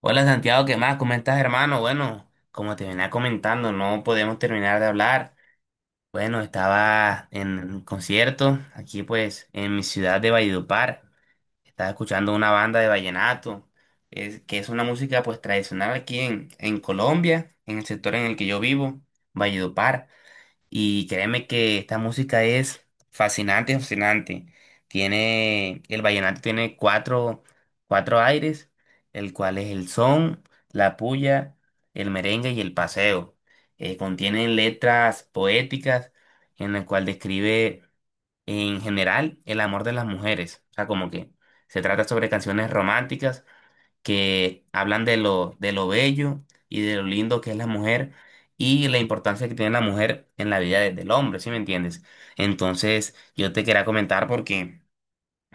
Hola Santiago, ¿qué más? ¿Cómo estás, hermano? Bueno, como te venía comentando, no podemos terminar de hablar. Bueno, estaba en un concierto aquí pues en mi ciudad de Valledupar. Estaba escuchando una banda de vallenato, que es una música pues tradicional aquí en Colombia, en el sector en el que yo vivo, Valledupar. Y créeme que esta música es fascinante, fascinante. El vallenato tiene cuatro aires, el cual es el son, la puya, el merengue y el paseo. Contiene letras poéticas en el cual describe en general el amor de las mujeres. O sea, como que se trata sobre canciones románticas que hablan de lo bello y de lo lindo que es la mujer y la importancia que tiene la mujer en la vida del hombre, ¿sí me entiendes? Entonces, yo te quería comentar porque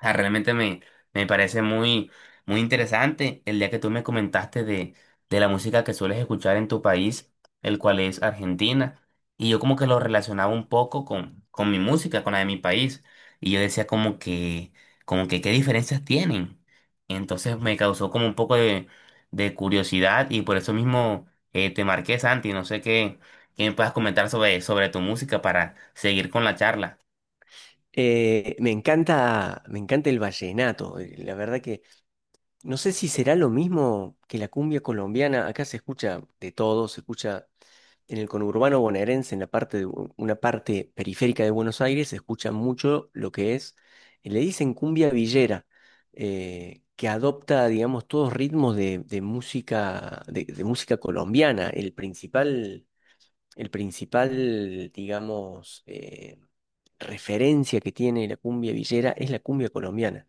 sea, me parece muy interesante el día que tú me comentaste de la música que sueles escuchar en tu país, el cual es Argentina, y yo como que lo relacionaba un poco con mi música, con la de mi país, y yo decía como que qué diferencias tienen. Entonces me causó como un poco de curiosidad y por eso mismo te marqué, Santi, no sé qué, qué me puedas comentar sobre tu música para seguir con la charla. Me encanta, me encanta el vallenato. La verdad que no sé si será lo mismo que la cumbia colombiana. Acá se escucha de todo, se escucha en el conurbano bonaerense, en la parte de una parte periférica de Buenos Aires, se escucha mucho lo que es, le dicen cumbia villera, que adopta, digamos, todos ritmos de música, de música colombiana. El principal, digamos, referencia que tiene la cumbia villera es la cumbia colombiana.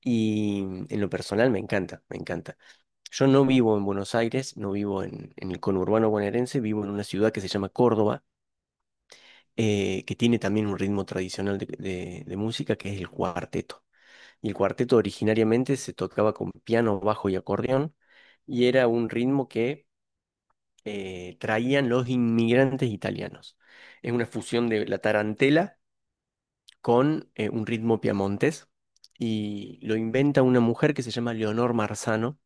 Y mm, en lo personal me encanta, me encanta. Yo no vivo en Buenos Aires, no vivo en el conurbano bonaerense, vivo en una ciudad que se llama Córdoba, que tiene también un ritmo tradicional de, de música que es el cuarteto. Y el cuarteto originariamente se tocaba con piano, bajo y acordeón, y era un ritmo que traían los inmigrantes italianos. Es una fusión de la tarantela con un ritmo piamontés y lo inventa una mujer que se llama Leonor Marzano,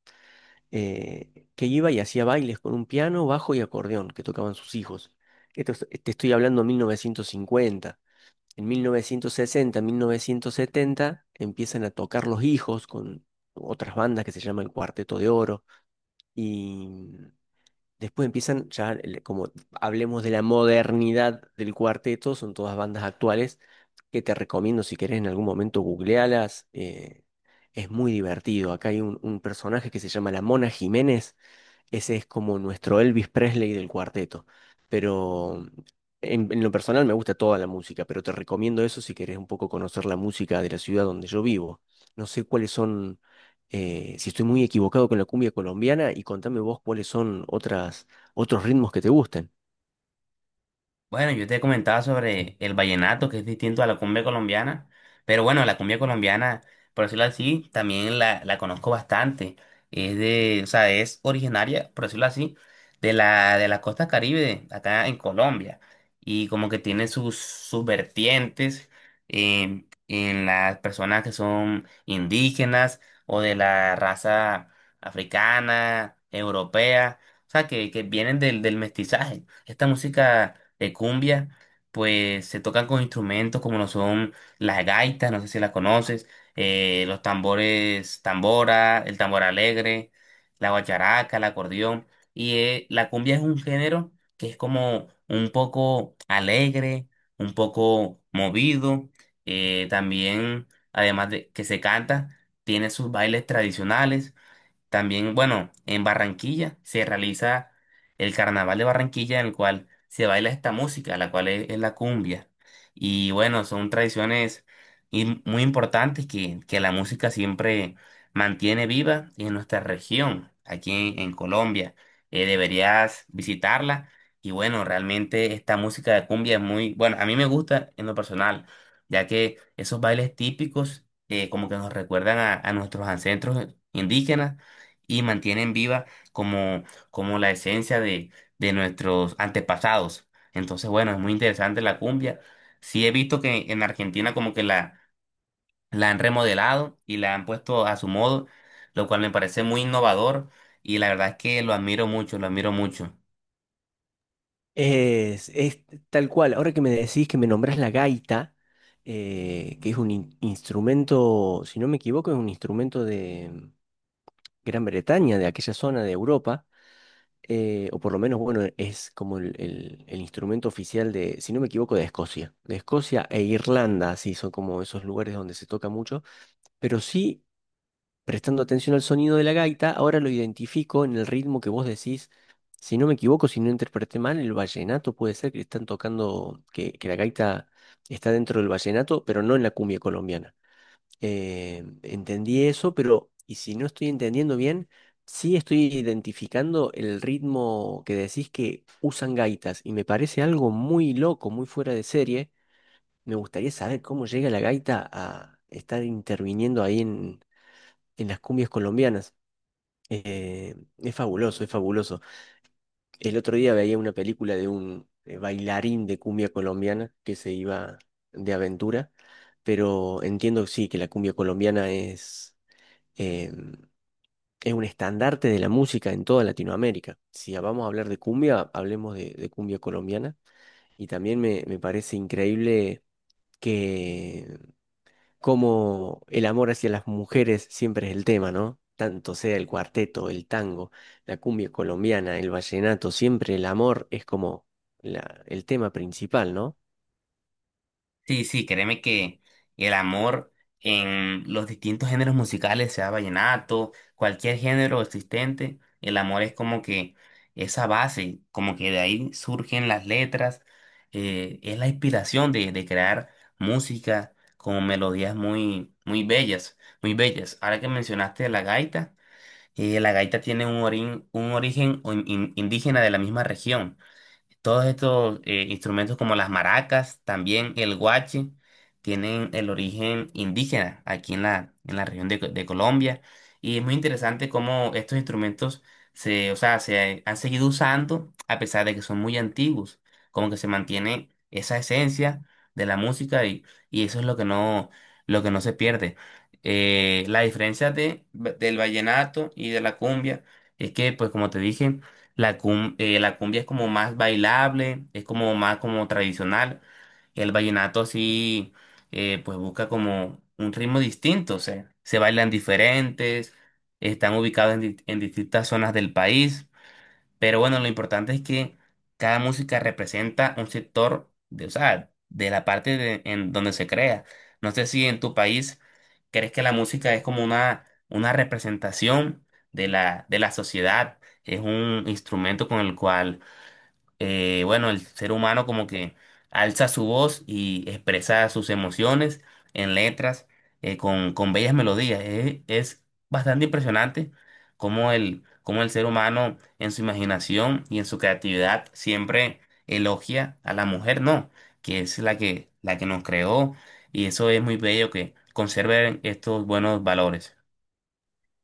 que iba y hacía bailes con un piano, bajo y acordeón que tocaban sus hijos. Te estoy hablando de 1950. En 1960, 1970 empiezan a tocar los hijos con otras bandas que se llama el Cuarteto de Oro y después empiezan, ya como hablemos de la modernidad del cuarteto, son todas bandas actuales que te recomiendo si querés en algún momento googlealas. Es muy divertido. Acá hay un personaje que se llama La Mona Jiménez. Ese es como nuestro Elvis Presley del cuarteto. Pero en lo personal me gusta toda la música, pero te recomiendo eso si querés un poco conocer la música de la ciudad donde yo vivo. No sé cuáles son, si estoy muy equivocado con la cumbia colombiana, y contame vos cuáles son otras, otros ritmos que te gusten. Bueno, yo te comentaba sobre el vallenato, que es distinto a la cumbia colombiana, pero bueno, la cumbia colombiana, por decirlo así, también la conozco bastante. O sea, es originaria, por decirlo así, de la costa Caribe, acá en Colombia, y como que tiene sus vertientes en las personas que son indígenas o de la raza africana, europea, o sea, que vienen del mestizaje. Esta música de cumbia, pues se tocan con instrumentos como lo son las gaitas, no sé si las conoces, los tambores, tambora, el tambor alegre, la guacharaca, el acordeón. Y la cumbia es un género que es como un poco alegre, un poco movido, eh, también, además de que se canta, tiene sus bailes tradicionales también. Bueno, en Barranquilla se realiza el Carnaval de Barranquilla en el cual se baila esta música, la cual es la cumbia. Y bueno, son tradiciones muy importantes que la música siempre mantiene viva en nuestra región, aquí en Colombia. Deberías visitarla. Y bueno, realmente esta música de cumbia es muy, bueno, a mí me gusta en lo personal, ya que esos bailes típicos como que nos recuerdan a nuestros ancestros indígenas y mantienen viva como, como la esencia de nuestros antepasados. Entonces, bueno, es muy interesante la cumbia. Sí he visto que en Argentina como que la han remodelado y la han puesto a su modo, lo cual me parece muy innovador y la verdad es que lo admiro mucho, lo admiro mucho. Es tal cual. Ahora que me decís que me nombrás la gaita, que es un instrumento, si no me equivoco, es un instrumento de Gran Bretaña, de aquella zona de Europa. O por lo menos, bueno, es como el, el instrumento oficial de, si no me equivoco, de Escocia. De Escocia e Irlanda, sí, son como esos lugares donde se toca mucho, pero sí, prestando atención al sonido de la gaita, ahora lo identifico en el ritmo que vos decís. Si no me equivoco, si no interpreté mal, el vallenato puede ser que están tocando, que la gaita está dentro del vallenato, pero no en la cumbia colombiana. Entendí eso, pero y si no estoy entendiendo bien, sí estoy identificando el ritmo que decís que usan gaitas y me parece algo muy loco, muy fuera de serie. Me gustaría saber cómo llega la gaita a estar interviniendo ahí en las cumbias colombianas. Es fabuloso, es fabuloso. El otro día veía una película de un bailarín de cumbia colombiana que se iba de aventura, pero entiendo sí que la cumbia colombiana eh, es un estandarte de la música en toda Latinoamérica. Si vamos a hablar de cumbia, hablemos de cumbia colombiana. Y también me parece increíble que como el amor hacia las mujeres siempre es el tema, ¿no? Tanto sea el cuarteto, el tango, la cumbia colombiana, el vallenato, siempre el amor es como el tema principal, ¿no? Sí, sí, créeme que el amor en los distintos géneros musicales, sea vallenato, cualquier género existente, el amor es como que esa base, como que de ahí surgen las letras, es la inspiración de crear música con melodías muy, muy bellas, muy bellas. Ahora que mencionaste la gaita tiene un, un origen o indígena de la misma región. Todos estos instrumentos como las maracas, también el guache, tienen el origen indígena aquí en en la región de, de Colombia. Y es muy interesante cómo estos instrumentos o sea, se han seguido usando a pesar de que son muy antiguos. Como que se mantiene esa esencia de la música y eso es lo que no se pierde. La diferencia del vallenato y de la cumbia es que, pues como te dije, la cumbia es como más bailable, es como más como tradicional. El vallenato sí, pues busca como un ritmo distinto, o sea, se bailan diferentes, están ubicados en distintas zonas del país. Pero bueno, lo importante es que cada música representa un sector de, o sea, de la parte en donde se crea. No sé si en tu país crees que la música es como una representación de la sociedad, es un instrumento con el cual bueno, el ser humano como que alza su voz y expresa sus emociones en letras con bellas melodías. Bastante impresionante cómo cómo el ser humano en su imaginación y en su creatividad siempre elogia a la mujer, ¿no? Que es la la que nos creó y eso es muy bello que conserven estos buenos valores.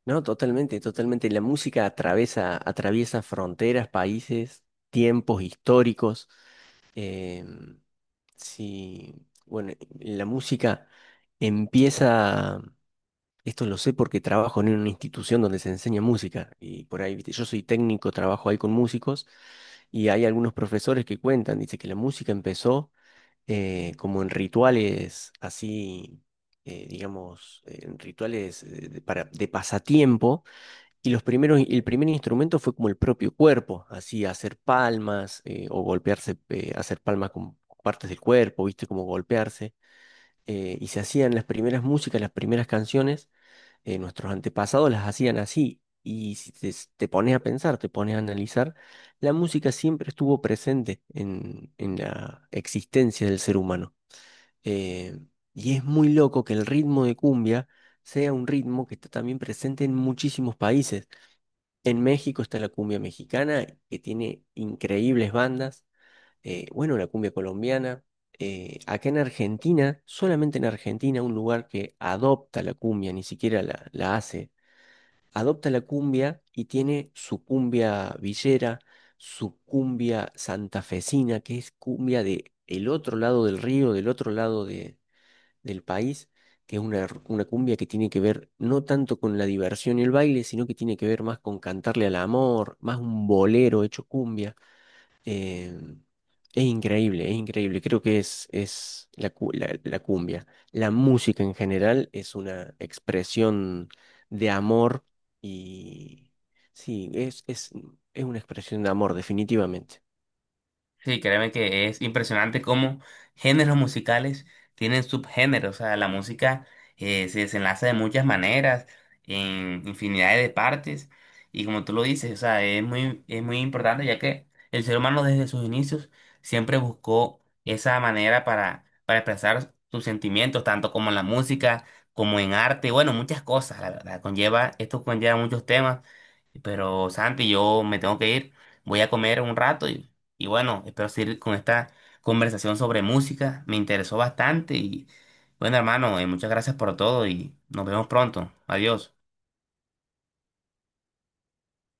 No, totalmente, totalmente. La música atraviesa, atraviesa fronteras, países, tiempos históricos. Eh, sí, bueno, la música empieza, esto lo sé porque trabajo en una institución donde se enseña música y por ahí, viste, yo soy técnico, trabajo ahí con músicos y hay algunos profesores que cuentan, dice que la música empezó como en rituales así, digamos, en rituales de, para, de pasatiempo y los primeros, el primer instrumento fue como el propio cuerpo, así hacer palmas o golpearse, hacer palmas con partes del cuerpo, ¿viste? Como golpearse. Y se hacían las primeras músicas, las primeras canciones, nuestros antepasados las hacían así. Y si te, te pones a pensar, te pones a analizar, la música siempre estuvo presente en la existencia del ser humano. Eh, y es muy loco que el ritmo de cumbia sea un ritmo que está también presente en muchísimos países. En México está la cumbia mexicana, que tiene increíbles bandas. Bueno, la cumbia colombiana. Acá en Argentina, solamente en Argentina, un lugar que adopta la cumbia, ni siquiera la, la hace. Adopta la cumbia y tiene su cumbia villera, su cumbia santafesina, que es cumbia de el otro lado del río, del otro lado de, del país, que es una, una cumbia que tiene que ver no tanto con la diversión y el baile, sino que tiene que ver más con cantarle al amor, más un bolero hecho cumbia. Eh, es increíble, es increíble. Creo que es la, la, la cumbia. La música en general es una expresión de amor y sí, es una expresión de amor, definitivamente. Sí, créeme que es impresionante cómo géneros musicales tienen subgéneros. O sea, la música se desenlaza de muchas maneras, en infinidad de partes. Y como tú lo dices, o sea, es muy importante ya que el ser humano desde sus inicios siempre buscó esa manera para expresar sus sentimientos, tanto como en la música, como en arte, bueno, muchas cosas, la verdad. Conlleva, esto conlleva muchos temas. Pero Santi, yo me tengo que ir. Voy a comer un rato y bueno, espero seguir con esta conversación sobre música. Me interesó bastante y bueno, hermano, muchas gracias por todo y nos vemos pronto. Adiós.